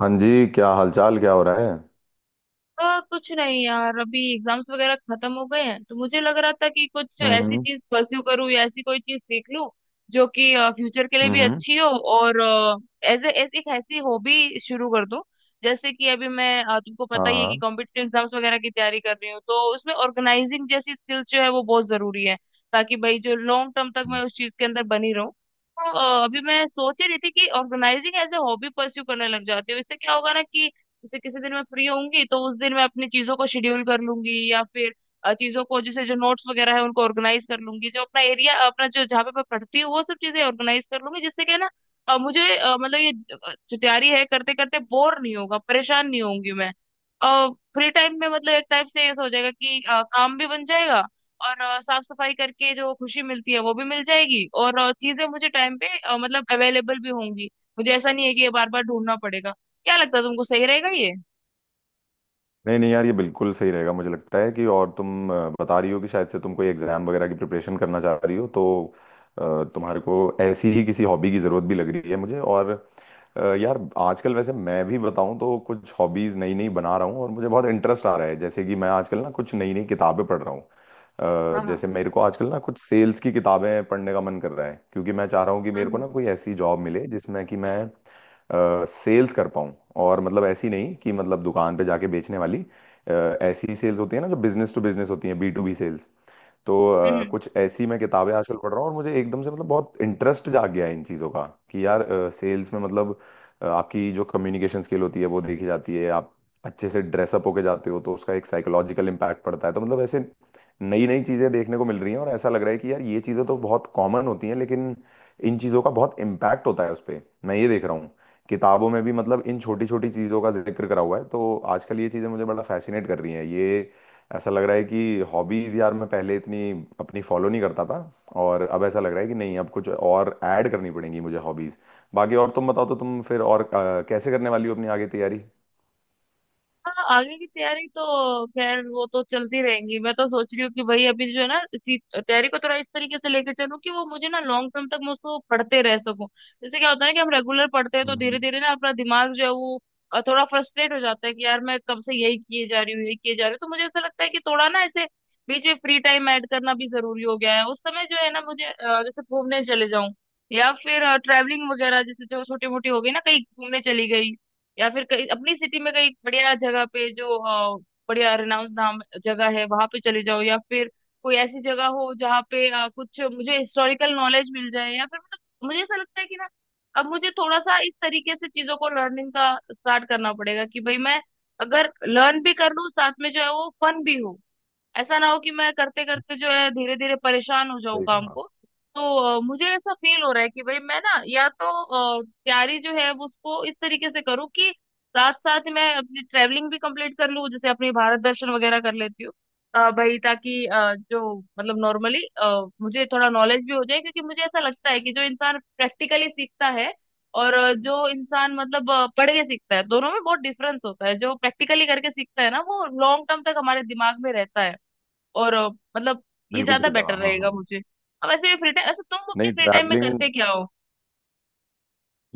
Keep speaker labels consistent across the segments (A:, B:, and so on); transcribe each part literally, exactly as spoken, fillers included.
A: हाँ जी, क्या हालचाल, क्या हो रहा है।
B: आ, कुछ नहीं यार अभी एग्जाम्स वगैरह खत्म हो गए हैं तो मुझे लग रहा था कि कुछ ऐसी
A: हम्म।
B: चीज परस्यू करूँ या ऐसी कोई चीज सीख लूं जो कि फ्यूचर के लिए भी
A: हम्म। हम्म।
B: अच्छी हो और एज एज एक ऐसी हॉबी शुरू कर दूं। जैसे कि अभी मैं अ, तुमको
A: हाँ
B: पता ही है कि
A: हाँ।
B: कॉम्पिटिटिव एग्जाम्स वगैरह की तैयारी कर रही हूँ तो उसमें ऑर्गेनाइजिंग जैसी स्किल जो है वो बहुत जरूरी है ताकि भाई जो लॉन्ग टर्म तक मैं उस चीज के अंदर बनी रहूं। तो अ, अभी मैं सोच ही रही थी कि organising as a hobby pursue करने लग जाती हूँ इससे क्या होगा ना कि जैसे किसी दिन मैं फ्री होंगी तो उस दिन मैं अपनी चीजों को शेड्यूल कर लूंगी या फिर अ, चीजों को जैसे जो नोट्स वगैरह है उनको ऑर्गेनाइज कर लूंगी। जो अपना एरिया अपना जो जहाँ पे मैं पढ़ती हूँ वो सब चीजें ऑर्गेनाइज कर लूंगी जिससे कि ना अ, मुझे अ, मतलब ये अ, जो तैयारी है करते करते बोर नहीं होगा परेशान नहीं होंगी मैं। फ्री टाइम में मतलब एक टाइप से ऐसा हो जाएगा कि अ, काम भी बन जाएगा और अ, साफ सफाई करके जो खुशी मिलती है वो भी मिल जाएगी और अ, चीजें मुझे टाइम पे अ, मतलब अवेलेबल भी होंगी। मुझे ऐसा नहीं है कि ये बार बार ढूंढना पड़ेगा। क्या लगता है तुमको, सही रहेगा ये?
A: नहीं नहीं यार, ये बिल्कुल सही रहेगा मुझे लगता है। कि और तुम अ, बता रही हो कि शायद से तुम कोई एग्जाम वगैरह की प्रिपरेशन करना चाह रही हो, तो अ, तुम्हारे को ऐसी ही किसी हॉबी की जरूरत भी लग रही है मुझे। और अ, यार आजकल वैसे मैं भी बताऊं तो कुछ हॉबीज नई नई बना रहा हूँ और मुझे बहुत इंटरेस्ट आ रहा है। जैसे कि मैं आजकल ना कुछ नई नई किताबें पढ़ रहा हूँ। अ,
B: हाँ हाँ।
A: जैसे मेरे को आजकल ना कुछ सेल्स की किताबें पढ़ने का मन कर रहा है, क्योंकि मैं चाह रहा हूँ कि मेरे
B: हम्म
A: को ना कोई ऐसी जॉब मिले जिसमें कि मैं सेल्स कर पाऊँ। और मतलब ऐसी नहीं कि मतलब दुकान पे जाके बेचने वाली। अ, ऐसी सेल्स होती है ना जो बिजनेस टू बिजनेस होती है, बी टू बी सेल्स। तो अ,
B: हम्म।
A: कुछ ऐसी मैं किताबें आजकल पढ़ रहा हूँ और मुझे एकदम से मतलब बहुत इंटरेस्ट जाग गया है इन चीज़ों का। कि यार सेल्स में मतलब अ, आपकी जो कम्युनिकेशन स्किल होती है वो देखी जाती है। आप अच्छे से ड्रेसअप होके जाते हो तो उसका एक साइकोलॉजिकल इम्पैक्ट पड़ता है। तो मतलब ऐसे नई नई चीज़ें देखने को मिल रही हैं और ऐसा लग रहा है कि यार ये चीज़ें तो बहुत कॉमन होती हैं, लेकिन इन चीज़ों का बहुत इम्पैक्ट होता है उस पर। मैं ये देख रहा हूँ किताबों में भी मतलब इन छोटी छोटी चीज़ों का जिक्र करा हुआ है, तो आजकल ये चीज़ें मुझे बड़ा फैसिनेट कर रही हैं ये। ऐसा लग रहा है कि हॉबीज यार मैं पहले इतनी अपनी फॉलो नहीं करता था, और अब ऐसा लग रहा है कि नहीं, अब कुछ और ऐड करनी पड़ेंगी मुझे हॉबीज। बाकी और तुम बताओ, तो तुम फिर और अ, कैसे करने वाली हो अपनी आगे तैयारी।
B: हाँ आगे की तैयारी तो खैर वो तो चलती रहेंगी। मैं तो सोच रही हूँ कि भाई अभी जो है ना इसी तैयारी को थोड़ा इस तरीके से लेके चलूँ कि वो मुझे ना लॉन्ग टर्म तक मैं उसको पढ़ते रह सकूँ। जैसे क्या होता है ना कि हम रेगुलर पढ़ते हैं तो धीरे
A: हम्म।
B: धीरे ना अपना दिमाग जो है वो अ, थोड़ा फ्रस्ट्रेट हो जाता है कि यार मैं कब से यही किए जा रही हूँ यही किए जा रही हूँ। तो मुझे ऐसा लगता है कि थोड़ा ना ऐसे बीच में फ्री टाइम ऐड करना भी जरूरी हो गया है। उस समय जो है ना मुझे अ, जैसे घूमने चले जाऊं या फिर ट्रैवलिंग वगैरह जैसे जो छोटी मोटी हो गई ना कहीं घूमने चली गई या फिर कहीं अपनी सिटी में कहीं बढ़िया जगह पे जो अ, बढ़िया रिनाउंस नाम जगह है वहां पे चले जाओ या फिर कोई ऐसी जगह हो जहाँ पे अ, कुछ मुझे हिस्टोरिकल नॉलेज मिल जाए या फिर मतलब मुझे ऐसा लगता है कि ना अब मुझे थोड़ा सा इस तरीके से चीजों को लर्निंग का स्टार्ट करना पड़ेगा कि भाई मैं अगर लर्न भी कर लूँ साथ में जो है वो फन भी हो, ऐसा ना हो कि मैं करते करते जो है धीरे धीरे परेशान हो जाऊं
A: सही
B: काम
A: कहा।
B: को। तो अ, मुझे ऐसा फील हो रहा है कि भाई मैं ना या तो अ, तैयारी जो है वो उसको इस तरीके से करूँ कि साथ साथ मैं अपनी ट्रैवलिंग भी कंप्लीट कर लूँ जैसे अपनी भारत दर्शन वगैरह कर लेती हूँ। अ, भाई ताकि अ, जो मतलब नॉर्मली मुझे थोड़ा नॉलेज भी हो जाए क्योंकि मुझे ऐसा लगता है कि जो इंसान प्रैक्टिकली सीखता है और अ, जो इंसान मतलब अ, पढ़ के सीखता है दोनों में बहुत डिफरेंस होता है। जो प्रैक्टिकली करके सीखता है ना वो लॉन्ग टर्म तक हमारे दिमाग में रहता है और अ, मतलब ये
A: बिल्कुल
B: ज्यादा
A: सही कहा,
B: बेटर
A: हाँ
B: रहेगा
A: हाँ।
B: मुझे। अब ऐसे फ्री टाइम, अच्छा तुम अपने
A: नहीं,
B: फ्री टाइम में
A: ट्रैवलिंग
B: करते क्या हो?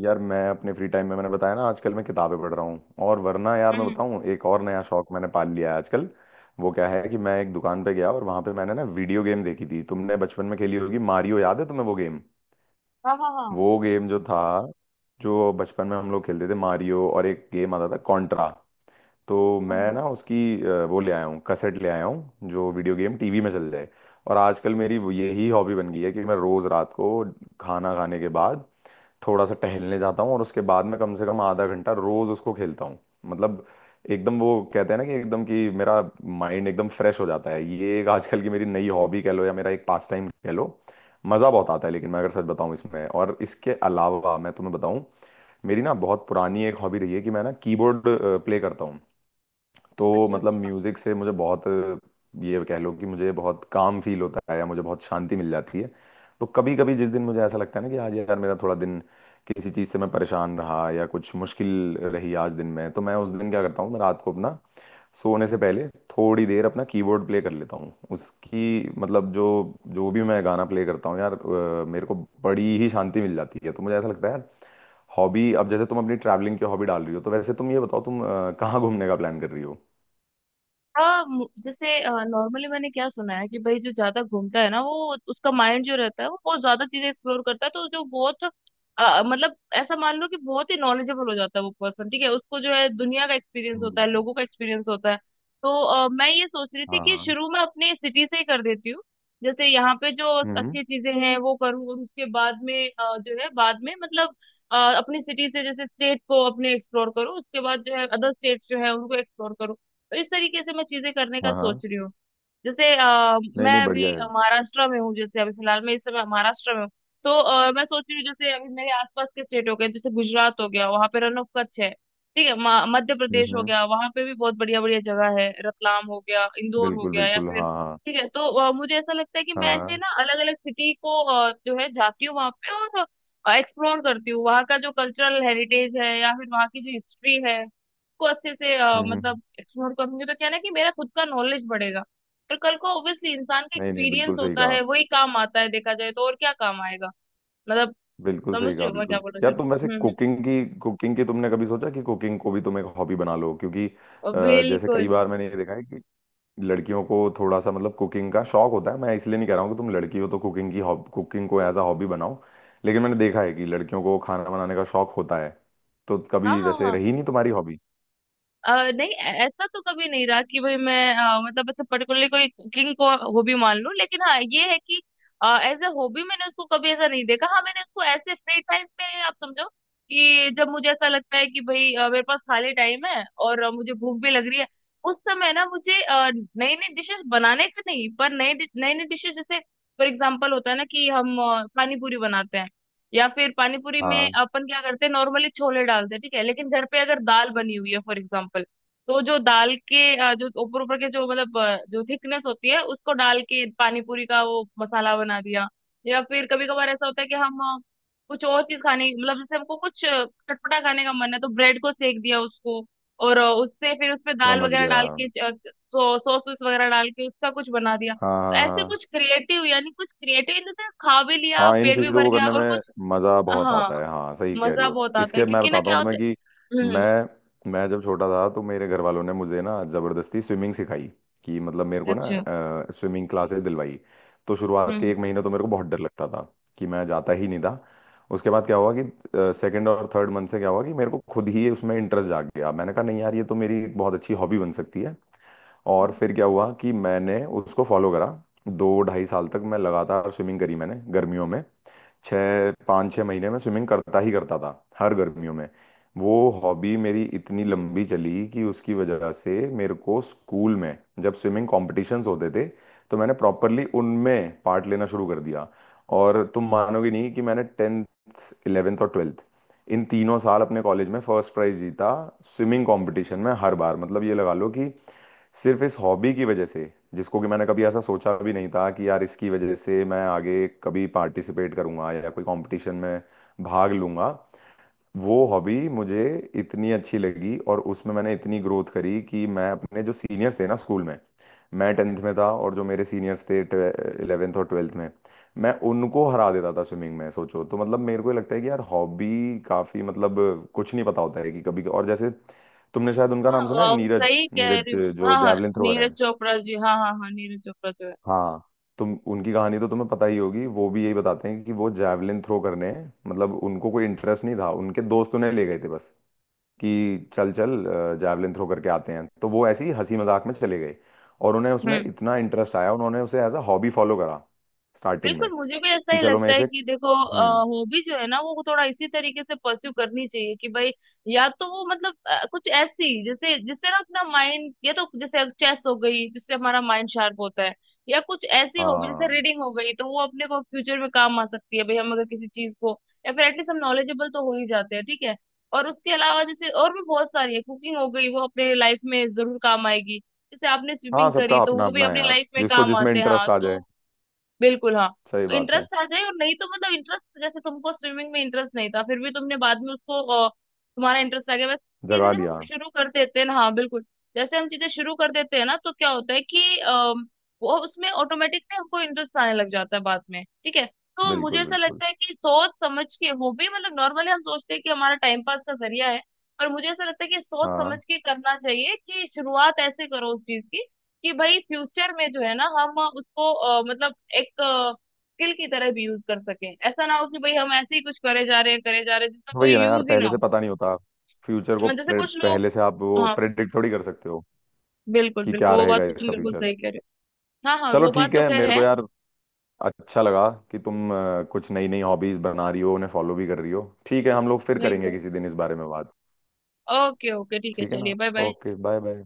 A: यार मैं अपने फ्री टाइम में, मैंने बताया ना आजकल मैं किताबें पढ़ रहा हूँ। और वरना यार मैं
B: हम्म।
A: बताऊँ, एक और नया शौक मैंने पाल लिया है आजकल। वो क्या है कि मैं एक दुकान पे गया और वहां पे मैंने ना वीडियो गेम देखी थी, तुमने बचपन में खेली होगी मारियो, याद है तुम्हें वो गेम।
B: हाँ हाँ हाँ।
A: वो गेम जो था जो बचपन में हम लोग खेलते थे, मारियो, और एक गेम आता था कॉन्ट्रा। तो मैं
B: हम्म।
A: ना उसकी अ, वो ले आया हूँ, कसेट ले आया हूँ जो वीडियो गेम टीवी में चल जाए। और आजकल मेरी वो- यही हॉबी बन गई है कि मैं रोज रात को खाना खाने के बाद थोड़ा सा टहलने जाता हूँ और उसके बाद में कम से कम आधा घंटा रोज उसको खेलता हूँ। मतलब एकदम, वो कहते हैं ना कि एकदम कि मेरा माइंड एकदम फ्रेश हो जाता है। ये एक आजकल की मेरी नई हॉबी कह लो या मेरा एक पास टाइम कह लो। मज़ा बहुत आता है। लेकिन मैं अगर सच बताऊं इसमें, और इसके अलावा मैं तुम्हें बताऊं, मेरी ना बहुत पुरानी एक हॉबी रही है कि मैं ना कीबोर्ड प्ले करता हूँ। तो
B: अच्छा
A: मतलब
B: अच्छा।
A: म्यूजिक से मुझे बहुत, ये कह लो कि मुझे बहुत काम फील होता है या मुझे बहुत शांति मिल जाती है। तो कभी कभी जिस दिन मुझे ऐसा लगता है ना कि आज यार मेरा थोड़ा दिन किसी चीज़ से मैं परेशान रहा या कुछ मुश्किल रही आज दिन में, तो मैं उस दिन क्या करता हूँ, मैं रात को अपना सोने से पहले थोड़ी देर अपना कीबोर्ड प्ले कर लेता हूँ। उसकी मतलब जो जो भी मैं गाना प्ले करता हूँ यार, अ, मेरे को बड़ी ही शांति मिल जाती है। तो मुझे ऐसा लगता है यार, हॉबी, अब जैसे तुम अपनी ट्रैवलिंग की हॉबी डाल रही हो, तो वैसे तुम ये बताओ तुम अ, कहाँ घूमने का प्लान कर रही हो।
B: हाँ मु- जैसे नॉर्मली मैंने क्या सुना है कि भाई जो ज्यादा घूमता है ना वो उसका माइंड जो रहता है वो बहुत ज्यादा चीजें एक्सप्लोर करता है तो जो बहुत अ, मतलब ऐसा मान लो कि बहुत ही नॉलेजेबल हो जाता है वो पर्सन ठीक है, उसको जो है दुनिया का एक्सपीरियंस होता है
A: हम्म।
B: लोगों का एक्सपीरियंस होता है। तो अ, मैं ये सोच रही थी
A: हाँ
B: कि
A: हाँ।
B: शुरू में अपने सिटी से ही कर देती हूँ जैसे यहाँ पे जो
A: हम्म।
B: अच्छी चीजें हैं वो करूँ और उसके बाद में अ, जो है बाद में मतलब अ, अपनी सिटी से जैसे स्टेट को अपने एक्सप्लोर करूँ उसके बाद जो है अदर स्टेट जो है उनको एक्सप्लोर करूँ। तो इस तरीके से मैं चीजें करने का
A: हाँ हाँ।
B: सोच रही हूँ। जैसे अ,
A: नहीं नहीं,
B: मैं
A: बढ़िया
B: अभी
A: है।
B: अ, महाराष्ट्र में हूँ, जैसे अभी फिलहाल मैं इस समय महाराष्ट्र में हूँ। तो अ, मैं सोच रही हूँ जैसे अभी मेरे आसपास के स्टेट हो गए, जैसे गुजरात हो गया वहां पे रन ऑफ कच्छ है। ठीक है, म- मध्य
A: हम्म
B: प्रदेश हो
A: हम्म।
B: गया वहां पे भी बहुत बढ़िया बढ़िया जगह है, रतलाम हो गया इंदौर हो
A: बिल्कुल
B: गया या
A: बिल्कुल,
B: फिर
A: हाँ हाँ।
B: ठीक है। तो अ, मुझे ऐसा लगता है कि
A: हाँ
B: मैं ऐसे
A: हाँ।
B: ना अलग अलग सिटी को अ, जो है जाती हूँ वहां पे और एक्सप्लोर करती हूँ वहाँ का जो कल्चरल हेरिटेज है या फिर वहाँ की जो हिस्ट्री है उसको अच्छे से अ,
A: हम्म हम्म।
B: मतलब एक्सप्लोर करूंगी तो क्या है ना कि मेरा खुद का नॉलेज बढ़ेगा। पर कल को ऑब्वियसली इंसान का
A: नहीं नहीं,
B: एक्सपीरियंस
A: बिल्कुल सही
B: होता
A: कहा।
B: है वही काम आता है देखा जाए तो, और क्या काम आएगा। मतलब
A: बिल्कुल
B: समझ
A: सही
B: रही
A: कहा,
B: हो मैं क्या
A: बिल्कुल।
B: बोल रहा
A: यार
B: हूँ।
A: तुम वैसे
B: हम्म।
A: कुकिंग की कुकिंग की तुमने कभी सोचा कि कुकिंग को भी तुम एक हॉबी बना लो, क्योंकि
B: हम्म
A: अ, जैसे कई
B: बिल्कुल।
A: बार मैंने ये देखा है कि लड़कियों को थोड़ा सा मतलब कुकिंग का शौक होता है। मैं इसलिए नहीं कह रहा हूँ कि तुम लड़की हो तो कुकिंग की हॉब कुकिंग को एज अ हॉबी बनाओ, लेकिन मैंने देखा है कि लड़कियों को खाना बनाने का शौक होता है। तो
B: हाँ
A: कभी वैसे
B: हाँ।
A: रही नहीं तुम्हारी हॉबी।
B: अ नहीं, ऐ- ऐसा तो कभी नहीं रहा कि भाई मैं अ, मतलब ऐसे पर्टिकुलरली कोई कुकिंग को हॉबी मान लूं, लेकिन हाँ ये है कि एज ए हॉबी मैंने उसको कभी ऐसा नहीं देखा। हाँ मैंने उसको ऐसे फ्री टाइम पे आप समझो कि जब मुझे ऐसा लगता है कि भाई अ, मेरे पास खाली टाइम है और अ, मुझे भूख भी लग रही है, उस समय ना मुझे नई नई डिशेस बनाने का, नहीं पर नई नई नई डिशेस, जैसे फॉर एग्जाम्पल होता है ना कि हम अ, पानी पूरी बनाते हैं या फिर पानीपुरी में
A: हाँ,
B: अपन क्या करते हैं नॉर्मली छोले डालते हैं, ठीक है लेकिन घर पे अगर दाल बनी हुई है फॉर एग्जाम्पल तो जो दाल के अ, जो ऊपर ऊपर के जो मतलब अ, जो थिकनेस होती है उसको डाल के पानीपुरी का वो मसाला बना दिया। या फिर कभी कभार ऐसा होता है कि हम अ, कुछ और चीज खाने मतलब जैसे हमको कुछ अ, चटपटा खाने का मन है तो ब्रेड को सेक दिया उसको और अ, उससे फिर उसपे दाल
A: समझ
B: वगैरह
A: गया।
B: डाल के अ, सो, सॉस वॉस वगैरह डाल के उसका कुछ बना दिया।
A: हाँ
B: तो
A: हाँ
B: ऐसे
A: हाँ।
B: कुछ क्रिएटिव, यानी कुछ क्रिएटिव इन द सेंस, खा भी लिया
A: हाँ, इन
B: पेट भी
A: चीजों
B: भर
A: को
B: गया
A: करने
B: और
A: में
B: कुछ।
A: मजा बहुत आता है,
B: हाँ
A: हाँ सही कह रही
B: मजा
A: हो।
B: बहुत आता है
A: इसके मैं
B: क्योंकि ना
A: बताता हूँ
B: क्या होता
A: तुम्हें कि
B: है। हम्म।
A: मैं मैं जब छोटा था तो मेरे घर वालों ने मुझे ना जबरदस्ती स्विमिंग सिखाई। कि मतलब मेरे को
B: अच्छा।
A: ना स्विमिंग क्लासेस दिलवाई। तो शुरुआत के
B: हम्म
A: एक महीने तो मेरे को बहुत डर लगता था कि मैं जाता ही नहीं था। उसके बाद क्या हुआ कि सेकंड और थर्ड मंथ से क्या हुआ कि मेरे को खुद ही उसमें इंटरेस्ट जाग गया, मैंने कहा नहीं यार ये तो मेरी एक बहुत अच्छी हॉबी बन सकती है। और
B: हम्म।
A: फिर क्या हुआ कि मैंने उसको फॉलो करा। दो ढाई साल तक मैं लगातार स्विमिंग करी, मैंने गर्मियों में छः पाँच छः महीने में स्विमिंग करता ही करता था, हर गर्मियों में। वो हॉबी मेरी इतनी लंबी चली कि उसकी वजह से मेरे को स्कूल में, जब स्विमिंग कॉम्पिटिशन्स होते थे तो मैंने प्रॉपरली उनमें पार्ट लेना शुरू कर दिया। और तुम मानोगे नहीं कि मैंने टेंथ, इलेवेंथ और ट्वेल्थ, इन तीनों साल अपने कॉलेज में फर्स्ट प्राइज जीता स्विमिंग कंपटीशन में, हर बार। मतलब ये लगा लो कि सिर्फ इस हॉबी की वजह से, जिसको कि मैंने कभी ऐसा सोचा भी नहीं था कि यार इसकी वजह से मैं आगे कभी पार्टिसिपेट करूंगा या कोई कंपटीशन में भाग लूंगा। वो हॉबी मुझे इतनी अच्छी लगी और उसमें मैंने इतनी ग्रोथ करी कि मैं अपने जो सीनियर्स थे ना स्कूल में, मैं टेंथ में था और जो मेरे सीनियर्स थे इलेवेंथ और ट्वेल्थ में, मैं उनको हरा देता था स्विमिंग में। सोचो, तो मतलब मेरे को ये लगता है कि यार हॉबी काफ़ी मतलब, कुछ नहीं पता होता है कि कभी। और जैसे तुमने शायद उनका
B: हाँ
A: नाम सुना है,
B: वाह,
A: नीरज,
B: सही कह रही
A: नीरज
B: हूँ
A: जो
B: हाँ हाँ।
A: जैवलिन थ्रोअर
B: नीरज
A: हैं।
B: चोपड़ा जी, हाँ हाँ हाँ, नीरज चोपड़ा जो है।
A: हाँ, तुम उनकी कहानी तो तुम्हें पता ही होगी। वो भी यही बताते हैं कि वो जैवलिन थ्रो करने, मतलब उनको कोई इंटरेस्ट नहीं था, उनके दोस्त उन्हें ले गए थे बस कि चल चल जैवलिन थ्रो करके आते हैं, तो वो ऐसी हंसी मजाक में चले गए। और उन्हें उसमें
B: हम्म
A: इतना इंटरेस्ट आया, उन्होंने उसे एज अ हॉबी फॉलो करा स्टार्टिंग
B: बिल्कुल,
A: में,
B: मुझे भी ऐसा
A: कि
B: ही
A: चलो मैं
B: लगता है
A: इसे।
B: कि देखो
A: हम्म।
B: हॉबी जो है ना वो थोड़ा इसी तरीके से परस्यू करनी चाहिए कि भाई या तो वो मतलब अ, कुछ ऐसी जैसे जिससे ना अपना माइंड, या तो जैसे चेस हो गई जिससे हमारा माइंड शार्प होता है, या कुछ ऐसी हॉबी जैसे
A: हाँ
B: रीडिंग हो गई तो वो अपने को फ्यूचर में काम आ सकती है भाई, हम अगर किसी चीज को या फिर एटलीस्ट हम नॉलेजेबल तो हो ही जाते हैं, ठीक है। और उसके अलावा जैसे और भी बहुत सारी है, कुकिंग हो गई वो अपने लाइफ में जरूर काम आएगी, जैसे आपने
A: हाँ,
B: स्विमिंग करी
A: सबका
B: तो
A: अपना
B: वो भी
A: अपना है
B: अपनी
A: यार,
B: लाइफ में
A: जिसको
B: काम
A: जिसमें
B: आते हैं, हाँ
A: इंटरेस्ट आ
B: तो।
A: जाए।
B: बिल्कुल हाँ।
A: सही
B: तो
A: बात है।
B: इंटरेस्ट आ जाए, और नहीं तो मतलब इंटरेस्ट जैसे तुमको स्विमिंग में इंटरेस्ट नहीं था फिर भी तुमने बाद में उसको अ, तुम्हारा इंटरेस्ट आ गया बस। चीजें
A: जगा
B: जब हम
A: लिया।
B: शुरू कर देते हैं ना, हाँ बिल्कुल। जैसे हम चीजें शुरू कर देते हैं ना तो क्या होता है कि अम, वो उसमें ऑटोमेटिक ना हमको इंटरेस्ट आने लग जाता है बाद में, ठीक है। तो मुझे
A: बिल्कुल
B: ऐसा
A: बिल्कुल,
B: लगता है कि सोच समझ के, वो भी मतलब नॉर्मली हम सोचते हैं कि हमारा टाइम पास का जरिया है। पर मुझे ऐसा लगता है कि सोच समझ
A: हाँ।
B: के करना चाहिए कि शुरुआत ऐसे करो उस चीज की कि भाई फ्यूचर में जो है ना हम उसको अ, मतलब एक स्किल की तरह भी यूज कर सकें। ऐसा ना हो कि भाई हम ऐसे ही कुछ करे जा रहे हैं करे जा रहे हैं जिसका
A: वही है
B: कोई
A: ना यार,
B: यूज ही ना
A: पहले से
B: हो।
A: पता नहीं होता। फ्यूचर को
B: मतलब जैसे
A: प्रे-
B: कुछ लोग।
A: पहले से आप वो
B: हाँ
A: प्रेडिक्ट थोड़ी कर सकते हो
B: बिल्कुल
A: कि क्या
B: बिल्कुल, वो बात
A: रहेगा
B: तो तुम
A: इसका
B: बिल्कुल
A: फ्यूचर।
B: सही कह रहे हो, हाँ हाँ
A: चलो
B: वो बात
A: ठीक
B: तो
A: है,
B: कह
A: मेरे
B: रहे
A: को
B: हैं।
A: यार अच्छा लगा कि तुम अ, कुछ नई नई हॉबीज बना रही हो, उन्हें फॉलो भी कर रही हो। ठीक है, हम लोग फिर करेंगे
B: बिल्कुल।
A: किसी दिन इस बारे में बात।
B: ओके ओके ठीक है,
A: ठीक है ना।
B: चलिए bye bye.
A: Okay, bye bye.